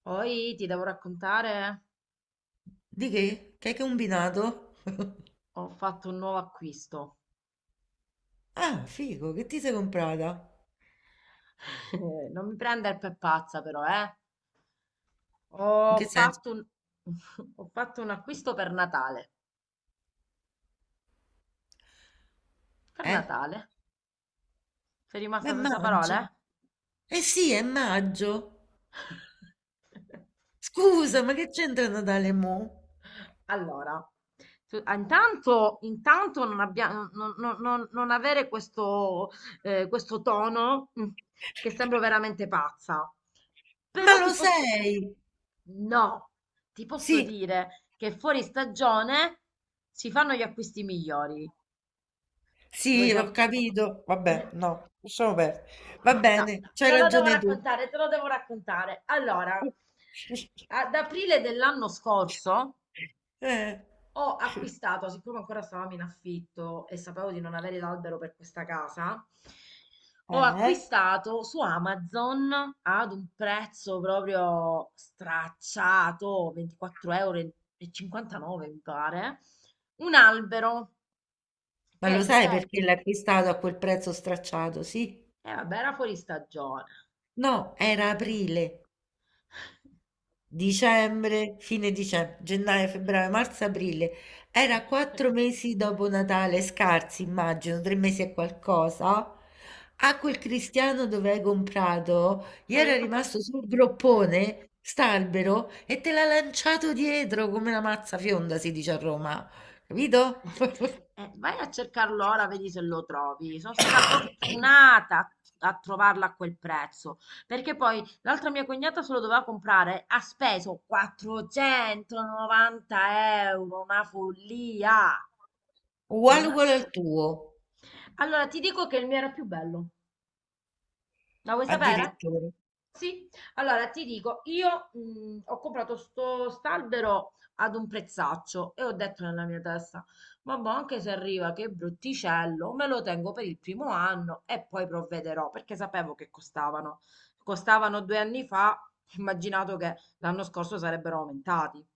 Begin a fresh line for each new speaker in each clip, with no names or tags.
Poi ti devo raccontare,
Di che? Che hai combinato?
ho fatto un nuovo acquisto.
Ah, figo, che ti sei comprata?
Non mi prendere per pazza però, eh.
In
Ho
che senso?
fatto un... ho fatto un acquisto per Natale. Per
Eh?
Natale? Sei
Ma è
rimasta senza
maggio.
parole?
Eh sì, è maggio. Scusa, ma che c'entra Natale mo?
Allora, intanto non, abbia- non- non- non- non avere questo, questo tono che sembro veramente pazza.
Ma
Però
lo
ti posso...
sei?
No, ti posso
Sì,
dire che fuori stagione si fanno gli acquisti migliori. Vuoi
sì, ho
sapere?
capito. Vabbè, no, lasciamo perdere. Va
No,
bene,
no,
c'hai
te lo devo
ragione tu.
raccontare, te lo devo raccontare. Allora, ad aprile dell'anno scorso
Eh,
ho acquistato, siccome ancora stavamo in affitto e sapevo di non avere l'albero per questa casa, ho
eh?
acquistato su Amazon ad un prezzo proprio stracciato, 24,59 euro mi pare, un albero
Ma lo
che
sai
dove...
perché l'hai acquistato a quel prezzo stracciato, sì?
Eh vabbè, era fuori stagione.
No, era aprile. Dicembre, fine dicembre, gennaio, febbraio, marzo, aprile. Era quattro mesi dopo Natale, scarsi, immagino, tre mesi e qualcosa. A quel cristiano dove hai comprato, gli
Io
era
ho fatto un po'.
rimasto sul groppone, st'albero, e te l'ha lanciato dietro come una mazza fionda, si dice a Roma. Capito?
Vai a cercarlo ora, vedi se lo trovi. Sono stata fortunata a trovarla a quel prezzo, perché poi l'altra mia cognata se lo doveva comprare, ha speso 490 euro, una follia.
Uguale
Una...
uguale al tuo,
Allora ti dico che il mio era più bello. La vuoi sapere?
addirittura.
Sì, allora ti dico, io ho comprato sto st'albero ad un prezzaccio e ho detto nella mia testa, vabbè, anche se arriva che brutticello, me lo tengo per il primo anno e poi provvederò, perché sapevo che costavano. Costavano due anni fa, ho immaginato che l'anno scorso sarebbero aumentati.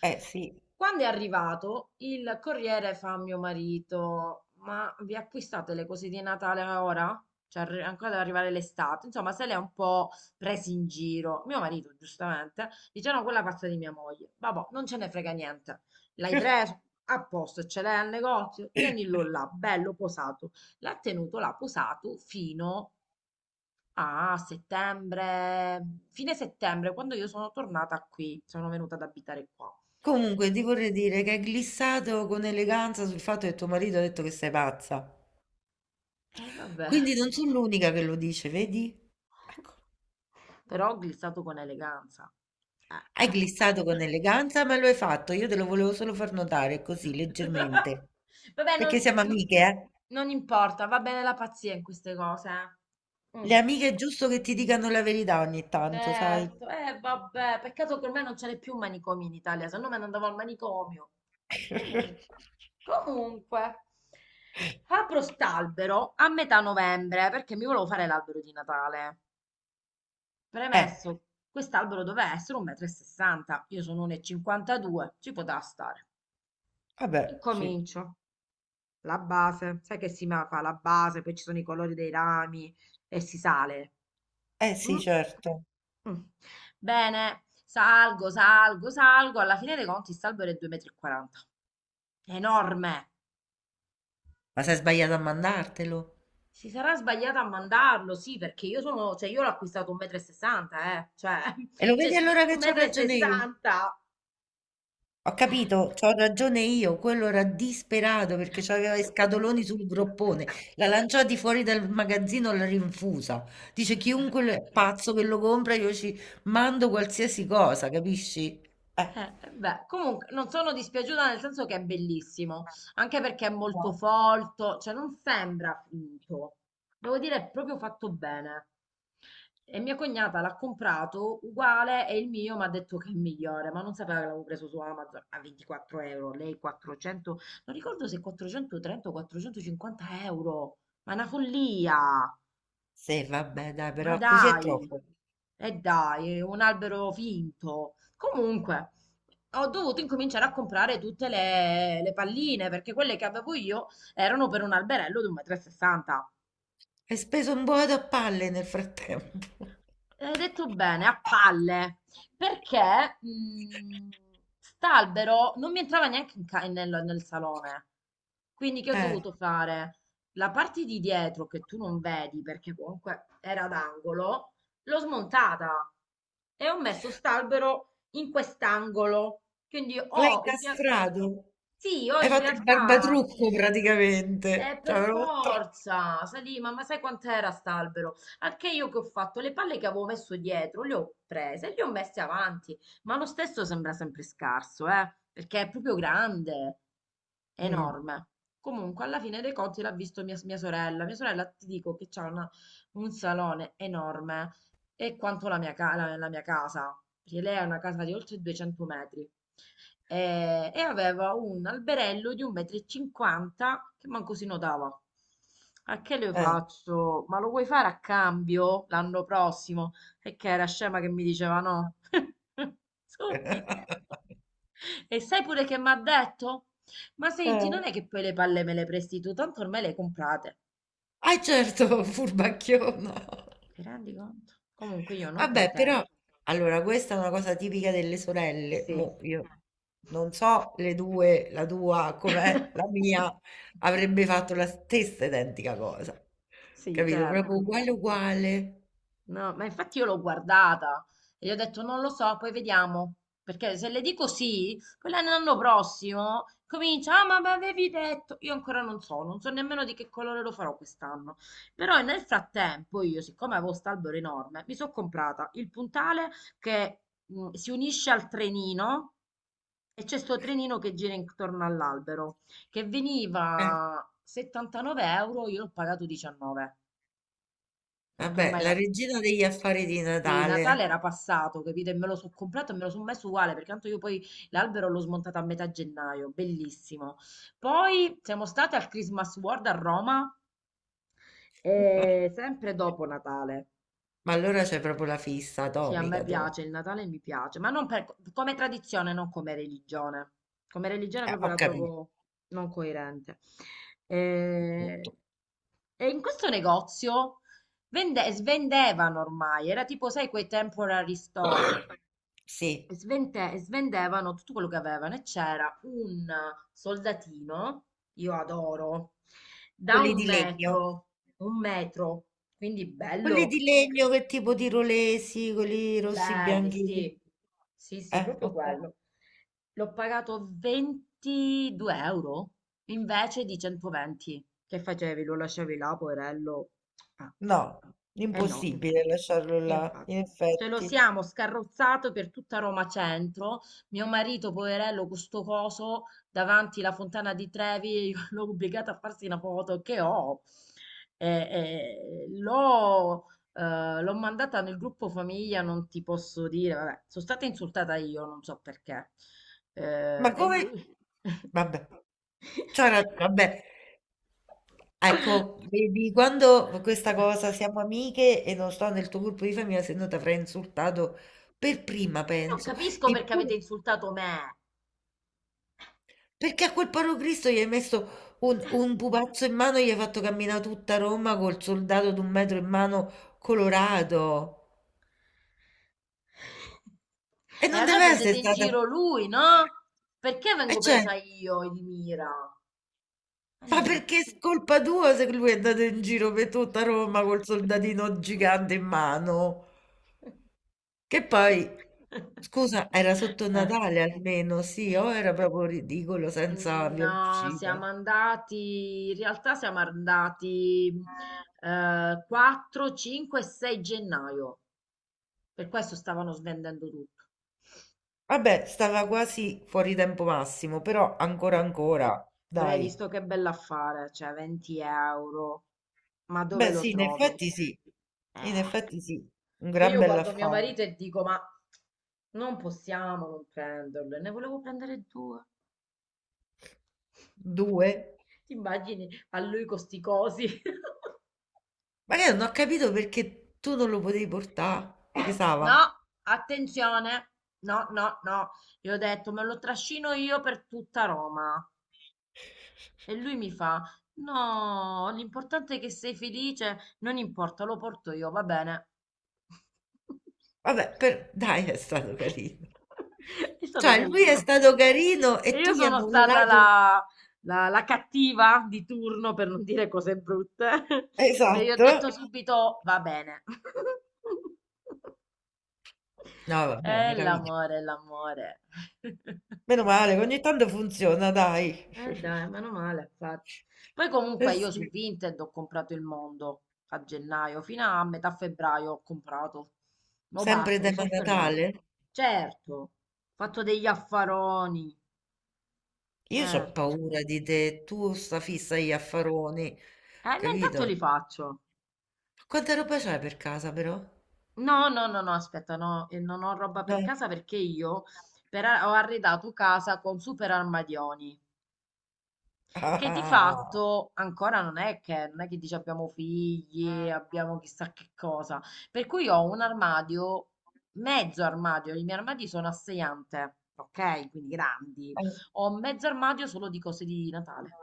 Eh sì.
Quando è arrivato, il corriere fa a mio marito: Ma vi acquistate le cose di Natale ora? Cioè, ancora deve arrivare l'estate. Insomma, se le ha un po' presi in giro. Mio marito, giustamente, dice: No, quella pazza di mia moglie. Vabbè, non ce ne frega niente. L'hai preso? A posto, ce l'hai al negozio? Tienilo là, bello posato. L'ha tenuto là posato fino a settembre, fine settembre, quando io sono tornata qui, sono venuta ad abitare qua.
Comunque, ti vorrei dire che hai glissato con eleganza sul fatto che tuo marito ha detto che sei pazza.
E vabbè,
Quindi non sono l'unica che lo dice, vedi? Ecco,
però glissato con eleganza. Eh,
hai
eh,
glissato con
eh.
eleganza, ma lo hai fatto. Io te lo volevo solo far notare così, leggermente.
Vabbè,
Perché siamo amiche, eh?
non importa, va bene la pazzia in queste cose. eh. Mm,
Le amiche è giusto che ti dicano la verità ogni tanto, sai?
certo, vabbè, peccato che ormai non ce n'è più un manicomio in Italia, se no me ne andavo al manicomio. Comunque, comunque. Apro st'albero a metà novembre perché mi volevo fare l'albero di Natale.
Eh,
Premesso, quest'albero doveva essere 1,60 m. Io sono 1,52 m, ci poteva stare.
vabbè, sì.
Incomincio, la base, sai che fa la base, poi ci sono i colori dei rami e si sale.
Eh sì,
Mm?
certo.
Mm. Bene, salgo, salgo, salgo, alla fine dei conti salvo è 2,40 m. Enorme!
Ma sei sbagliato a mandartelo.
Si sarà sbagliata a mandarlo, sì, perché io sono, cioè io l'ho acquistato 1,60 m, cioè
E lo
c'è
vedi allora
scritto
che c'ho ragione io.
1,60
Ho capito, c'ho ragione io, quello era disperato perché c'aveva i
m.
scatoloni sul groppone, l'ha lanciati fuori dal magazzino, l'ha rinfusa. Dice è pazzo che lo compra, io ci mando qualsiasi cosa, capisci? Eh,
Beh, comunque non sono dispiaciuta nel senso che è bellissimo, anche perché è molto
no.
folto, cioè non sembra finto. Devo dire, è proprio fatto bene. E mia cognata l'ha comprato uguale e il mio mi ha detto che è migliore, ma non sapeva che l'avevo preso su Amazon a 24 euro, lei 400, non ricordo se 430 o 450 euro, ma è una follia.
Sì, vabbè, dai,
Ma
però così è
dai,
troppo.
e dai, è un albero finto. Comunque, ho dovuto incominciare a comprare tutte le palline perché quelle che avevo io erano per un alberello di 1,60 m.
Hai speso un boato a palle nel frattempo.
Hai detto bene, a palle, perché st'albero non mi entrava neanche nel, nel salone. Quindi che ho
Eh,
dovuto fare? La parte di dietro che tu non vedi perché comunque era d'angolo, l'ho smontata e ho messo st'albero in quest'angolo. Quindi
l'hai
ho in real-
incastrato.
sì, ho
Hai
in
fatto il
realtà
barbatrucco praticamente. Cioè,
per forza, sai, ma sai quant'era st'albero? Anche io che ho fatto le palle che avevo messo dietro, le ho prese e le ho messe avanti, ma lo stesso sembra sempre scarso, perché è proprio grande,
Mm.
enorme. Comunque, alla fine dei conti l'ha visto mia sorella. Mia sorella, ti dico che un salone enorme e quanto la mia, la mia casa, perché lei ha una casa di oltre 200 metri e aveva un alberello di 1,50 m che manco si notava. A che le
Eh,
faccio? Ma lo vuoi fare a cambio l'anno prossimo? E che era scema che mi diceva no. Subito. E sai pure che mi ha detto? Ma senti,
eh.
non è che poi le palle me le presti tu, tanto ormai le comprate.
Ah, certo, furbacchiona.
Ti rendi conto? Comunque io non
Vabbè, però,
contenta.
allora, questa è una cosa tipica delle sorelle.
Sì.
Mo, io non so le due, la tua com'è, la mia, avrebbe fatto la stessa identica cosa.
Sì,
Capito? Proprio
certo.
uguale, uguale.
No, ma infatti io l'ho guardata e gli ho detto non lo so, poi vediamo. Perché se le dico sì, poi l'anno prossimo comincia, ah, ma mi avevi detto. Io ancora non so, non so nemmeno di che colore lo farò quest'anno. Però nel frattempo io, siccome avevo st'albero enorme, mi sono comprata il puntale che si unisce al trenino e c'è sto trenino che gira intorno all'albero, che
Eh,
veniva 79 euro, io l'ho pagato 19, perché
Vabbè,
ormai
la regina degli affari di
sì,
Natale.
Natale era passato, capito? E me lo sono comprato e me lo sono messo uguale, perché tanto io poi l'albero l'ho smontato a metà gennaio, bellissimo. Poi siamo state al Christmas World a Roma, e sempre dopo Natale.
Ma allora c'è proprio la fissa
Sì, a me
atomica, tu.
piace, il Natale mi piace, ma non per- come tradizione, non come religione. Come religione proprio
Ho
la
capito.
trovo non coerente. E,
Tutto.
e in questo negozio svendevano ormai, era tipo, sai, quei temporary store.
Sì,
E svendevano tutto quello che avevano e c'era un soldatino, io adoro, da
quelli di legno.
un metro, quindi
Quelli
bello,
di legno, che tipo di rolesi, quelli rossi
belli,
bianchi.
sì, sì, sì, proprio
Ok.
quello. L'ho pagato 22 euro invece di 120 che facevi, lo lasciavi là, poverello. Ah,
No,
eh no.
impossibile lasciarlo là,
Infatti,
in
ce lo
effetti.
siamo scarrozzato per tutta Roma Centro. Mio marito, poverello, con sto coso davanti la fontana di Trevi, io l'ho obbligato a farsi una foto che ho. E- e l'ho l'ho mandata nel gruppo famiglia, non ti posso dire. Vabbè, sono stata insultata io, non so perché.
Ma
E
come...
lui.
Vabbè, c'ho ragione, vabbè. Ecco, vedi, quando questa cosa siamo amiche e non sto nel tuo gruppo di famiglia, se no ti avrei insultato per prima,
E non
penso.
capisco perché avete
Eppure,
insultato me.
perché a quel Parocristo gli hai messo un pupazzo in mano e gli hai fatto camminare tutta Roma col soldato d'un metro in mano colorato. E
E
non
allora
deve
prendete
essere
in
stata...
giro lui, no? Perché
E
vengo
cioè,
presa io di mira? E non
ma
capisco.
perché è colpa tua se lui è andato in giro per tutta Roma col soldatino gigante in mano? Che poi, scusa, era sotto
Eh,
Natale almeno, sì, o era proprio ridicolo senza via
No,
d'uscita.
siamo andati, in realtà siamo andati 4, 5 e 6 gennaio, per questo stavano svendendo tutto.
Vabbè, stava quasi fuori tempo massimo, però ancora
Sì.
ancora,
Però hai
dai.
visto che bell'affare, cioè 20 euro, ma dove
Beh,
lo
sì, in
trovi?
effetti sì. In
Eh.
effetti sì, un
Che
gran
io guardo mio
bell'affare.
marito e dico, ma non possiamo non prenderlo. E ne volevo prendere due.
Due?
Ti immagini a lui con sti cosi?
Ma io non ho capito perché tu non lo potevi portare. Pesava.
No, attenzione. No, no, no. Io ho detto, me lo trascino io per tutta Roma. E lui mi fa, no, l'importante è che sei felice. Non importa, lo porto io, va bene.
Vabbè, dai, è stato carino.
È stato
Cioè, lui è
carino.
stato carino
E
e tu
io
gli hai
sono stata
mollato.
la cattiva di turno, per non dire cose brutte, che gli ho
Esatto.
detto subito va bene.
No, vabbè, meraviglia.
L'amore, l'amore.
Meno male, ogni tanto funziona, dai.
Dai, meno male, infatti. Poi
Eh
comunque io su
sì.
Vinted ho comprato il mondo a gennaio, fino a metà febbraio ho comprato. Ma
Sempre
basta, mi
tema
sono fermata.
Natale?
Certo, ho fatto degli affaroni,
Io ho
certo.
paura di te, tu sta fissa agli affaroni,
Ma
capito?
intanto
Ma
li faccio.
quanta roba c'hai per casa però?
No, no, no, no, aspetta, no, non ho roba per
Dai.
casa perché io ho arredato casa con super armadioni, che di
Ah.
fatto ancora non è che, non è che dici abbiamo figli, abbiamo chissà che cosa, per cui ho un armadio, mezzo armadio, i miei armadi sono a sei ante, ok? Quindi grandi, ho mezzo armadio solo di cose di Natale.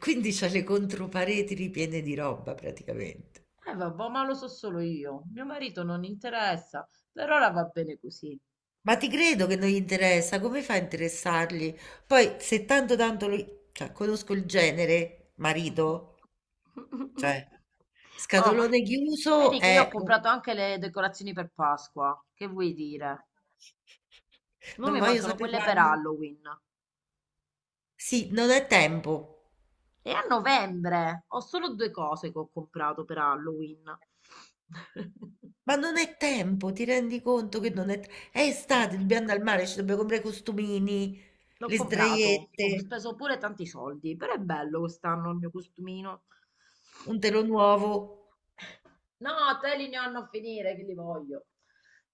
Quindi c'ha le contropareti ripiene di roba praticamente.
Eh vabbè, ma lo so solo io, mio marito non interessa, per ora va bene così.
Ma ti credo che non gli interessa, come fa a interessargli? Poi se tanto tanto lui, cioè, conosco il genere, marito, cioè,
Oh, ma
scatolone chiuso
vedi che io
è...
ho comprato anche le decorazioni per Pasqua. Che vuoi dire? Non
Non
mi
voglio
mancano
sapere
quelle per
quanti.
Halloween.
Sì, non è tempo.
E a novembre ho solo due cose che ho comprato per Halloween.
Ma non è tempo, ti rendi conto che non è... È estate, dobbiamo andare al mare, ci dobbiamo comprare i costumini,
L'ho
le
comprato, ho
sdraiette,
speso pure tanti soldi, però è bello quest'anno il mio costumino.
un telo nuovo.
No, te li ne hanno a finire, che li voglio.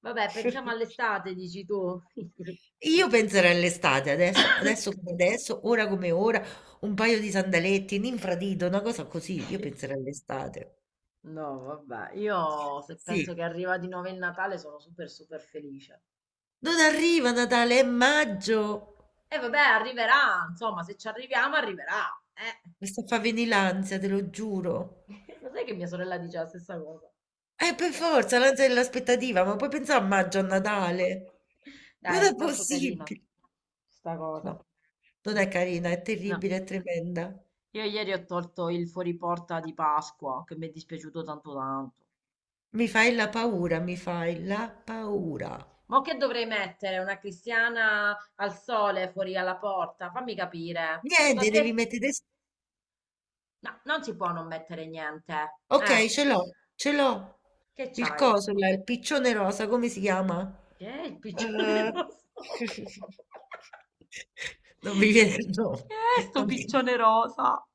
Vabbè, pensiamo all'estate, dici tu.
Io penserei all'estate, adesso, adesso come adesso, ora come ora, un paio di sandaletti, un infradito, una cosa così, io penserei all'estate.
No, vabbè, io se penso
Sì.
che arriva di nuovo il Natale sono super super felice.
Non arriva Natale, è maggio.
E vabbè, arriverà, insomma, se ci arriviamo arriverà, eh.
Mi sta a far venire l'ansia, te lo giuro.
Lo sai che mia sorella dice la stessa cosa?
Per forza, la gente dell'aspettativa, ma puoi pensare a maggio, a Natale? Non
Dai, è
è
tanto carina
possibile.
sta cosa.
No, non è carina, è
No,
terribile, è tremenda.
io ieri ho tolto il fuoriporta di Pasqua, che mi è dispiaciuto tanto tanto.
Mi fai la paura, mi fai la paura.
Ma che dovrei mettere? Una cristiana al sole fuori alla porta? Fammi capire.
Niente, devi mettere...
No, non si può non mettere niente.
Ok, ce l'ho, ce l'ho.
Che
Il
c'hai?
coso, là, il piccione rosa, come si chiama?
Che è il piccione
Eh,
rosso?
Non mi viene il nome.
Che è sto
Non mi,
piccione rosa?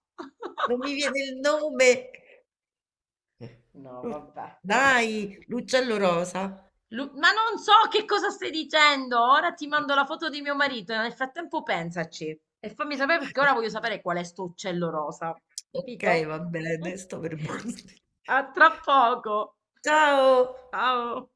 non mi viene il nome.
No,
Lu
vabbè, piccione.
dai, l'uccello rosa.
Ma non so che cosa stai dicendo. Ora ti mando la foto di mio marito. Nel frattempo pensaci e fammi sapere perché ora voglio sapere qual è sto uccello rosa.
Okay,
Capito?
va bene, sto per morire.
A tra poco.
Ciao.
Ciao.